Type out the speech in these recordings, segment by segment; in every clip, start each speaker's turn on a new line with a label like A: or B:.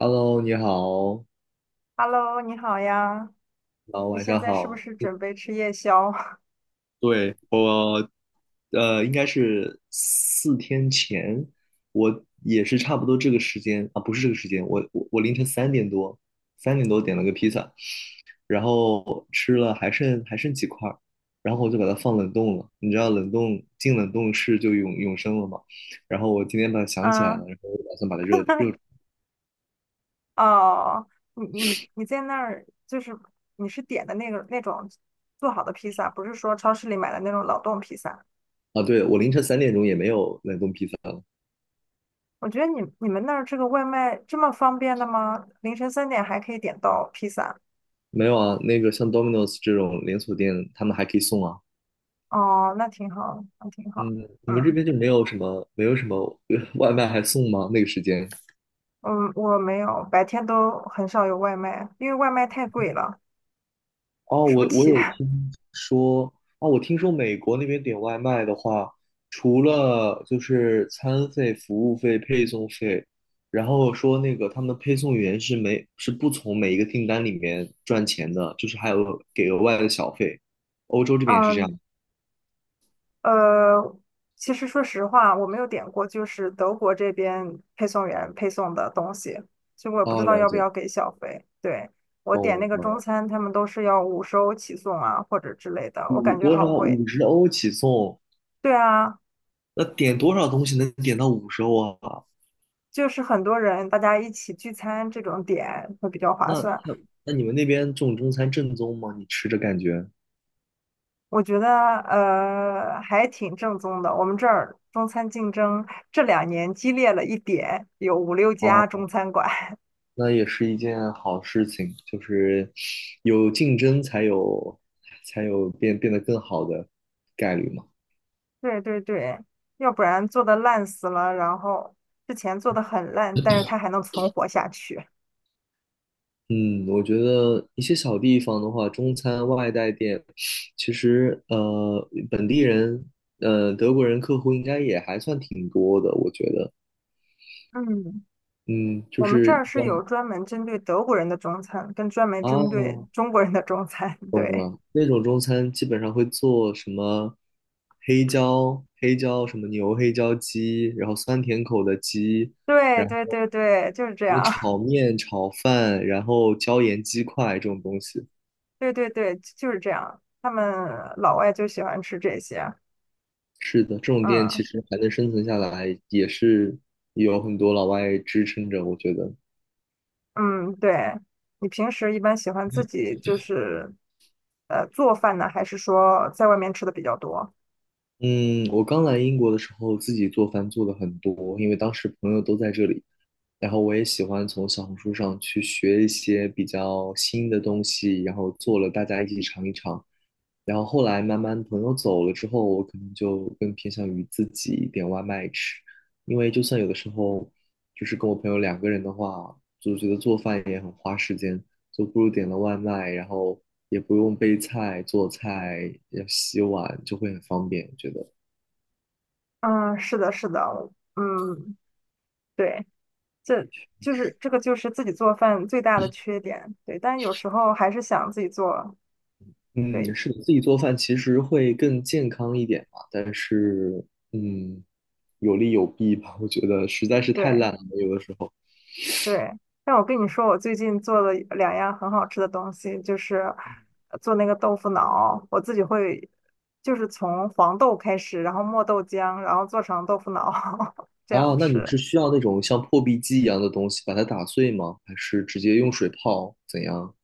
A: Hello，你好，
B: Hello，你好呀，
A: 然后
B: 你
A: 晚
B: 现
A: 上
B: 在是不
A: 好。
B: 是准备吃夜宵？
A: 对，应该是4天前，我也是差不多这个时间啊，不是这个时间，我凌晨3点多，三点多点了个披萨，然后吃了还剩几块儿，然后我就把它放冷冻了。你知道冷冻进冷冻室就永永生了嘛？然后我今天把它想起来了，
B: 嗯，
A: 然后我就打算把它热热
B: 哦，你你你在那儿就是你是点的那个那种做好的披萨，不是说超市里买的那种冷冻披萨。
A: 啊。对，我凌晨3点钟也没有冷冻披萨了，
B: 我觉得你们那儿这个外卖这么方便的吗？凌晨3点还可以点到披萨，
A: 没有啊。那个像 Domino's 这种连锁店，他们还可以送啊。
B: 哦，那挺好，那挺好。
A: 嗯，你们这
B: 嗯
A: 边就没有什么外卖还送吗？那个时间？
B: 嗯，我没有，白天都很少有外卖，因为外卖太贵了，
A: 哦，
B: 吃
A: 我
B: 不
A: 我
B: 起。
A: 有 听说，哦，我听说美国那边点外卖的话，除了就是餐费、服务费、配送费，然后说那个他们的配送员是没是不从每一个订单里面赚钱的，就是还有给额外的小费。欧洲这边也是这
B: 嗯，
A: 样。
B: 呃，其实说实话，我没有点过，就是德国这边配送员配送的东西，所以我也不知
A: 啊，
B: 道
A: 了
B: 要不
A: 解，
B: 要给小费。对，我点那
A: 懂
B: 个中
A: 了。
B: 餐，他们都是要50欧起送啊，或者之类的，我
A: 五
B: 感觉
A: 多
B: 好
A: 少？
B: 贵。
A: 五十欧起送，
B: 对啊，
A: 那点多少东西能点到五十欧啊？
B: 就是很多人大家一起聚餐这种点会比较划
A: 那
B: 算，
A: 那那你们那边这种中餐正宗吗？你吃着感觉
B: 我觉得还挺正宗的。我们这儿中餐竞争这2年激烈了一点，有五六家
A: 哦，
B: 中餐馆。
A: 那也是一件好事情，就是有竞争才有才有变变得更好的概率嘛。
B: 对对对，要不然做的烂死了，然后之前做的很烂，但是它还能存活下去。
A: 嗯，我觉得一些小地方的话，中餐外带店，其实本地人德国人客户应该也还算挺多的，我觉得，
B: 嗯，
A: 嗯，就
B: 我们这
A: 是
B: 儿
A: 一
B: 是
A: 般
B: 有专门针对德国人的中餐，跟专门针对
A: 啊。
B: 中国人的中餐。
A: 懂
B: 对，
A: 了，那种中餐基本上会做什么黑椒、黑椒什么牛黑椒鸡，然后酸甜口的鸡，
B: 对
A: 然
B: 对
A: 后
B: 对对，就是这
A: 那
B: 样。
A: 炒 面、炒饭，然后椒盐鸡块这种东西。
B: 对对对，就是这样。他们老外就喜欢吃这些。
A: 是的，这种店
B: 嗯
A: 其实还能生存下来，也是有很多老外支撑着，我觉得。
B: 嗯，对。你平时一般喜欢自己就是做饭呢，还是说在外面吃的比较多？
A: 嗯，我刚来英国的时候，自己做饭做的很多，因为当时朋友都在这里，然后我也喜欢从小红书上去学一些比较新的东西，然后做了大家一起尝一尝。然后后来慢慢朋友走了之后，我可能就更偏向于自己点外卖吃，因为就算有的时候就是跟我朋友2个人的话，就觉得做饭也很花时间，就不如点了外卖，然后也不用备菜、做菜、要洗碗，就会很方便，我觉得。
B: 嗯，是的，是的，嗯，对，这就是这个就是自己做饭最大的缺点。对，但有时候还是想自己做。
A: 嗯，
B: 对
A: 是的，自己做饭其实会更健康一点嘛，但是嗯，有利有弊吧，我觉得实在是太
B: 对
A: 懒了，有的时候。
B: 对，但我跟你说，我最近做了2样很好吃的东西，就是做那个豆腐脑，我自己会就是从黄豆开始，然后磨豆浆，然后做成豆腐脑 这
A: 啊。
B: 样
A: 那你
B: 吃。
A: 是需要那种像破壁机一样的东西把它打碎吗？还是直接用水泡？怎样？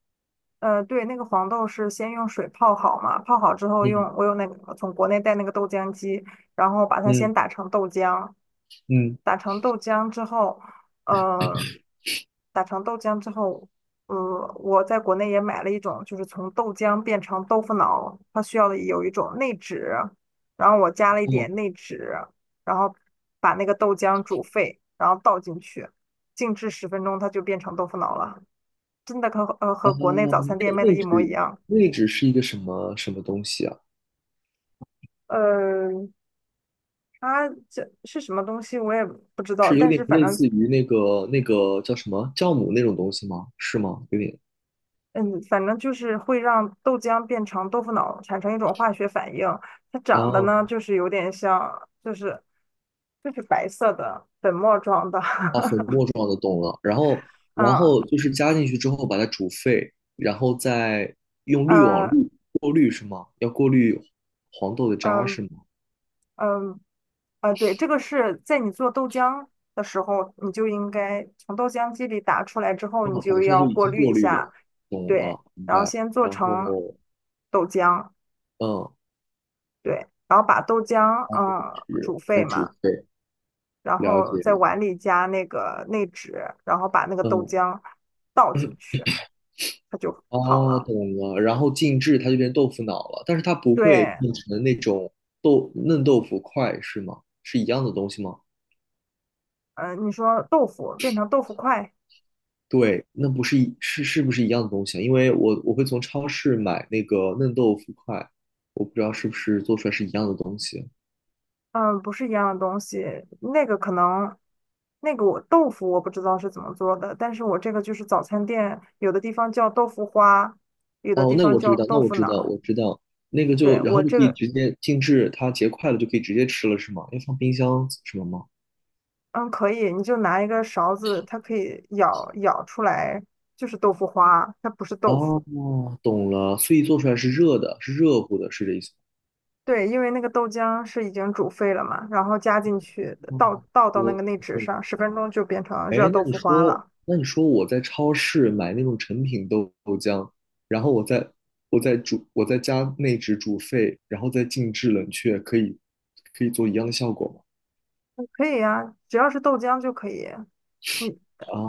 B: 对，那个黄豆是先用水泡好嘛，泡好之后用
A: 嗯
B: 我有那个从国内带那个豆浆机，然后把它先
A: 嗯
B: 打成豆浆。
A: 嗯，
B: 打成豆浆之后，呃，打成豆浆之后，呃，我在国内也买了一种，就是从豆浆变成豆腐脑，它需要的有一种内酯，然后我加了一
A: 哦，
B: 点内酯，然后把那个豆浆煮沸，然后倒进去，静置十分钟，它就变成豆腐脑了，真的和和国内早餐店
A: 内
B: 卖的
A: 内
B: 一模一
A: 酯
B: 样。
A: 内酯是一个什么什么东西啊？
B: 呃，它这是什么东西我也不知道，
A: 是有
B: 但
A: 点
B: 是反
A: 类
B: 正
A: 似于那个那个叫什么酵母那种东西吗？是吗？有点。
B: 嗯，反正就是会让豆浆变成豆腐脑，产生一种化学反应。它长得
A: 哦
B: 呢，就是有点像，就是白色的粉末状的。
A: 状的懂了，然后然
B: 嗯
A: 后就是加进去之后把它煮沸，然后再用滤网
B: 呃
A: 滤过滤是吗？要过滤黄豆的渣是
B: 嗯
A: 吗？
B: 嗯对，这个是在你做豆浆的时候，你就应该从豆浆机里打出来之后，你
A: 哦，打
B: 就
A: 出来
B: 要
A: 就已
B: 过
A: 经
B: 滤
A: 过
B: 一
A: 滤了，
B: 下，
A: 懂
B: 对，
A: 了，明
B: 然后
A: 白。
B: 先做
A: 然
B: 成
A: 后
B: 豆浆，
A: 嗯，
B: 对，然后把豆浆
A: 然后是
B: 煮
A: 再
B: 沸
A: 煮
B: 嘛。
A: 沸，
B: 然
A: 了解。
B: 后在碗里加那个内酯，然后把那个豆
A: 嗯，
B: 浆倒进去，它就好
A: 哦，
B: 了。
A: 懂了。然后静置它就变豆腐脑了，但是它不会
B: 对，
A: 变成那种豆嫩豆腐块是吗？是一样的东西吗？
B: 嗯、你说豆腐变成豆腐块，
A: 对，那不是一是是不是一样的东西啊？因为我会从超市买那个嫩豆腐块，我不知道是不是做出来是一样的东西。
B: 嗯、不是一样的东西。那个可能，那个我豆腐我不知道是怎么做的，但是我这个就是早餐店有的地方叫豆腐花，有的
A: 哦，
B: 地
A: 那个
B: 方
A: 我知
B: 叫
A: 道，那
B: 豆
A: 我
B: 腐
A: 知道，
B: 脑。
A: 我知道，那个
B: 对，
A: 就然
B: 我
A: 后就可
B: 这
A: 以
B: 个，
A: 直接静置，它结块了就可以直接吃了，是吗？要放冰箱什么吗？
B: 嗯，可以，你就拿一个勺子，它可以舀舀出来，就是豆腐花，它不是豆腐。
A: 哦，懂了，所以做出来是热的，是热乎的，是这意思
B: 对，因为那个豆浆是已经煮沸了嘛，然后加进去，
A: 吗？
B: 倒
A: 哦
B: 到那个
A: 我
B: 内酯
A: 懂
B: 上，十分钟就变成热
A: 哎，那
B: 豆
A: 你
B: 腐花
A: 说，
B: 了。
A: 那你说我在超市买那种成品豆豆浆，然后我再煮，我在家内酯煮沸，然后再静置冷却，可以可以做一样的效果吗？
B: 嗯可以呀、只要是豆浆就可以。你，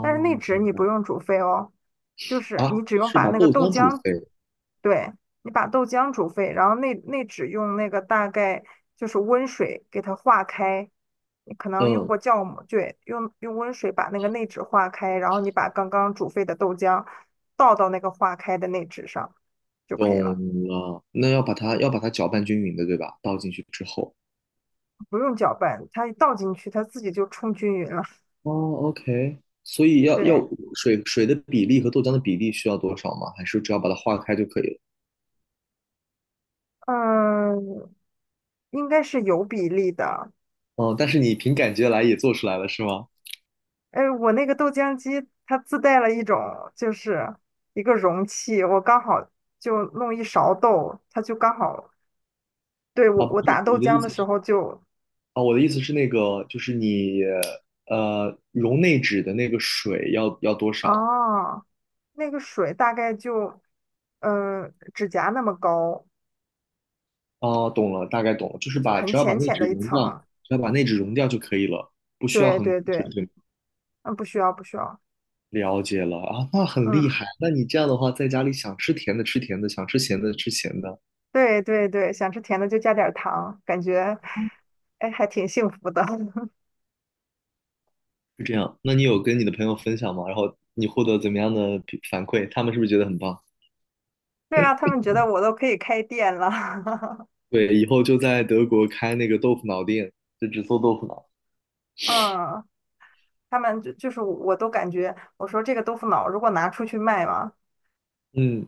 B: 但是内酯
A: 明
B: 你不
A: 白
B: 用煮沸哦，就是
A: 啊，
B: 你只用
A: 是
B: 把
A: 把
B: 那
A: 豆
B: 个豆
A: 浆煮
B: 浆
A: 沸，
B: 对，你把豆浆煮沸，然后内酯用那个大概就是温水给它化开，你可能用
A: 嗯，
B: 过酵母，对，用温水把那个内酯化开，然后你把刚刚煮沸的豆浆倒到那个化开的内酯上就可以
A: 懂
B: 了，
A: 了。那要把它搅拌均匀的，对吧？倒进去之后，
B: 不用搅拌，它一倒进去它自己就冲均匀了。
A: 哦，OK，所以要要
B: 对，
A: 水水的比例和豆浆的比例需要多少吗？还是只要把它化开就可以了？
B: 嗯，应该是有比例的，
A: 哦，但是你凭感觉来也做出来了，是吗？
B: 哎，我那个豆浆机它自带了一种，就是一个容器，我刚好就弄一勺豆，它就刚好，对，我
A: 啊，不
B: 我
A: 是，
B: 打豆
A: 我的意
B: 浆的
A: 思
B: 时
A: 是
B: 候就，
A: 啊，我的意思是那个，就是你溶内酯的那个水要要多少？
B: 啊，那个水大概就，指甲那么高，
A: 哦，懂了，大概懂了，就是
B: 就
A: 把
B: 很
A: 只要把
B: 浅
A: 内
B: 浅
A: 酯
B: 的一
A: 溶掉，
B: 层。
A: 只要把内酯溶掉就可以了，不需要
B: 对
A: 很多
B: 对
A: 水，
B: 对，
A: 对吗
B: 嗯，不需要不需要，
A: 了解了啊，那很厉
B: 嗯，
A: 害。那你这样的话，在家里想吃甜的吃甜的，想吃咸的吃咸的，
B: 对对对，想吃甜的就加点儿糖，感觉，哎，还挺幸福的。
A: 是这样。那你有跟你的朋友分享吗？然后你获得怎么样的比反馈？他们是不是觉得很棒？
B: 对啊，他们觉得我都可以开店了，
A: 对，以后就在德国开那个豆腐脑店，就只做豆腐脑。
B: 嗯。他们就是我都感觉，我说这个豆腐脑如果拿出去卖嘛，
A: 嗯。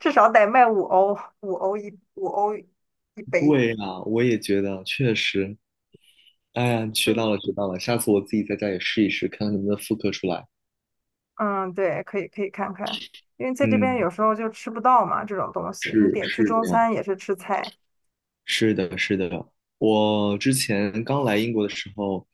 B: 至少得卖五欧，5欧一杯。
A: 对呀，我也觉得，确实。哎呀，学
B: 就
A: 到了，学到了，下次我自己在家也试一试，看看能不能复刻出来。
B: 嗯，对，可以可以看看，因为在这边
A: 嗯，
B: 有时候就吃不到嘛这种东西，你
A: 是
B: 点去
A: 是
B: 中
A: 这样。
B: 餐也是吃菜。
A: 是的，是的。我之前刚来英国的时候，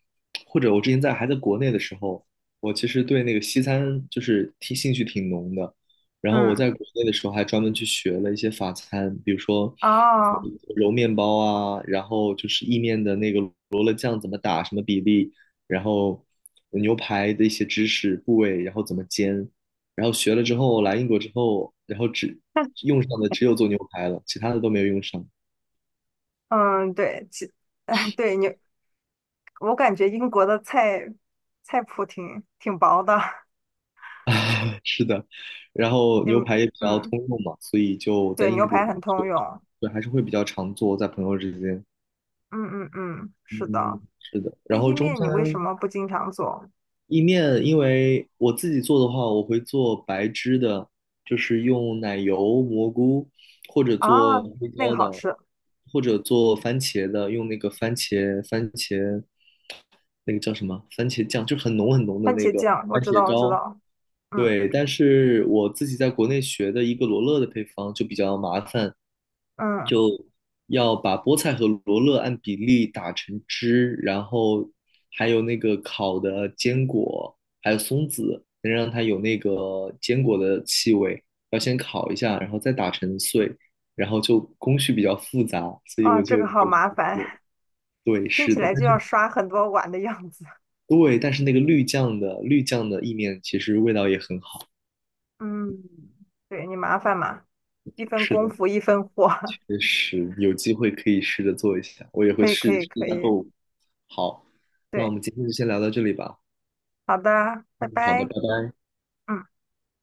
A: 或者我之前在还在国内的时候，我其实对那个西餐就是挺兴趣挺浓的。然后我
B: 嗯，
A: 在国内的时候还专门去学了一些法餐，比如说
B: 哦，
A: 揉面包啊，然后就是意面的那个罗勒酱怎么打，什么比例，然后牛排的一些知识部位，然后怎么煎。然后学了之后来英国之后，然后只用上的只有做牛排了，其他的都没有用上。
B: 嗯，对，哎，对你，我感觉英国的菜菜谱挺挺薄的，
A: 是的，然后
B: 也
A: 牛排也比较
B: 嗯，
A: 通用嘛，所以就在
B: 对，
A: 英
B: 牛
A: 国，
B: 排很
A: 嘛，
B: 通用。
A: 对，还是会比较常做，在朋友之间。
B: 嗯嗯嗯，是
A: 嗯，
B: 的。
A: 是的。
B: 那
A: 然后
B: 意
A: 中
B: 面你为什
A: 餐
B: 么不经常做？
A: 意面，因为我自己做的话，我会做白汁的，就是用奶油、蘑菇，或者
B: 啊，
A: 做黑
B: 那个
A: 椒
B: 好
A: 的，
B: 吃，
A: 或者做番茄的，用那个番茄那个叫什么番茄酱，就很浓很浓的
B: 番
A: 那
B: 茄
A: 个
B: 酱，我
A: 番
B: 知
A: 茄
B: 道，我知
A: 膏，
B: 道，嗯
A: 对，但是我自己在国内学的一个罗勒的配方就比较麻烦，
B: 嗯，
A: 要把菠菜和罗勒按比例打成汁，然后还有那个烤的坚果，还有松子，能让它有那个坚果的气味，要先烤一下，然后再打成碎，然后就工序比较复杂，所以
B: 啊，
A: 我就
B: 这个好麻烦，
A: 对，
B: 听
A: 是
B: 起
A: 的，
B: 来
A: 但
B: 就要
A: 是
B: 刷很多碗的样子。
A: 对，但是那个绿酱的意面其实味道也很好，
B: 嗯，对你麻烦嘛，一分
A: 是
B: 功
A: 的。
B: 夫一分货，
A: 确实有机会可以试着做一下，我也 会
B: 可以可
A: 试
B: 以
A: 试一
B: 可
A: 下
B: 以，
A: 做。好，那我
B: 对，
A: 们今天就先聊到这里吧。
B: 好的，拜
A: 好的，
B: 拜。
A: 拜拜。
B: 嗯。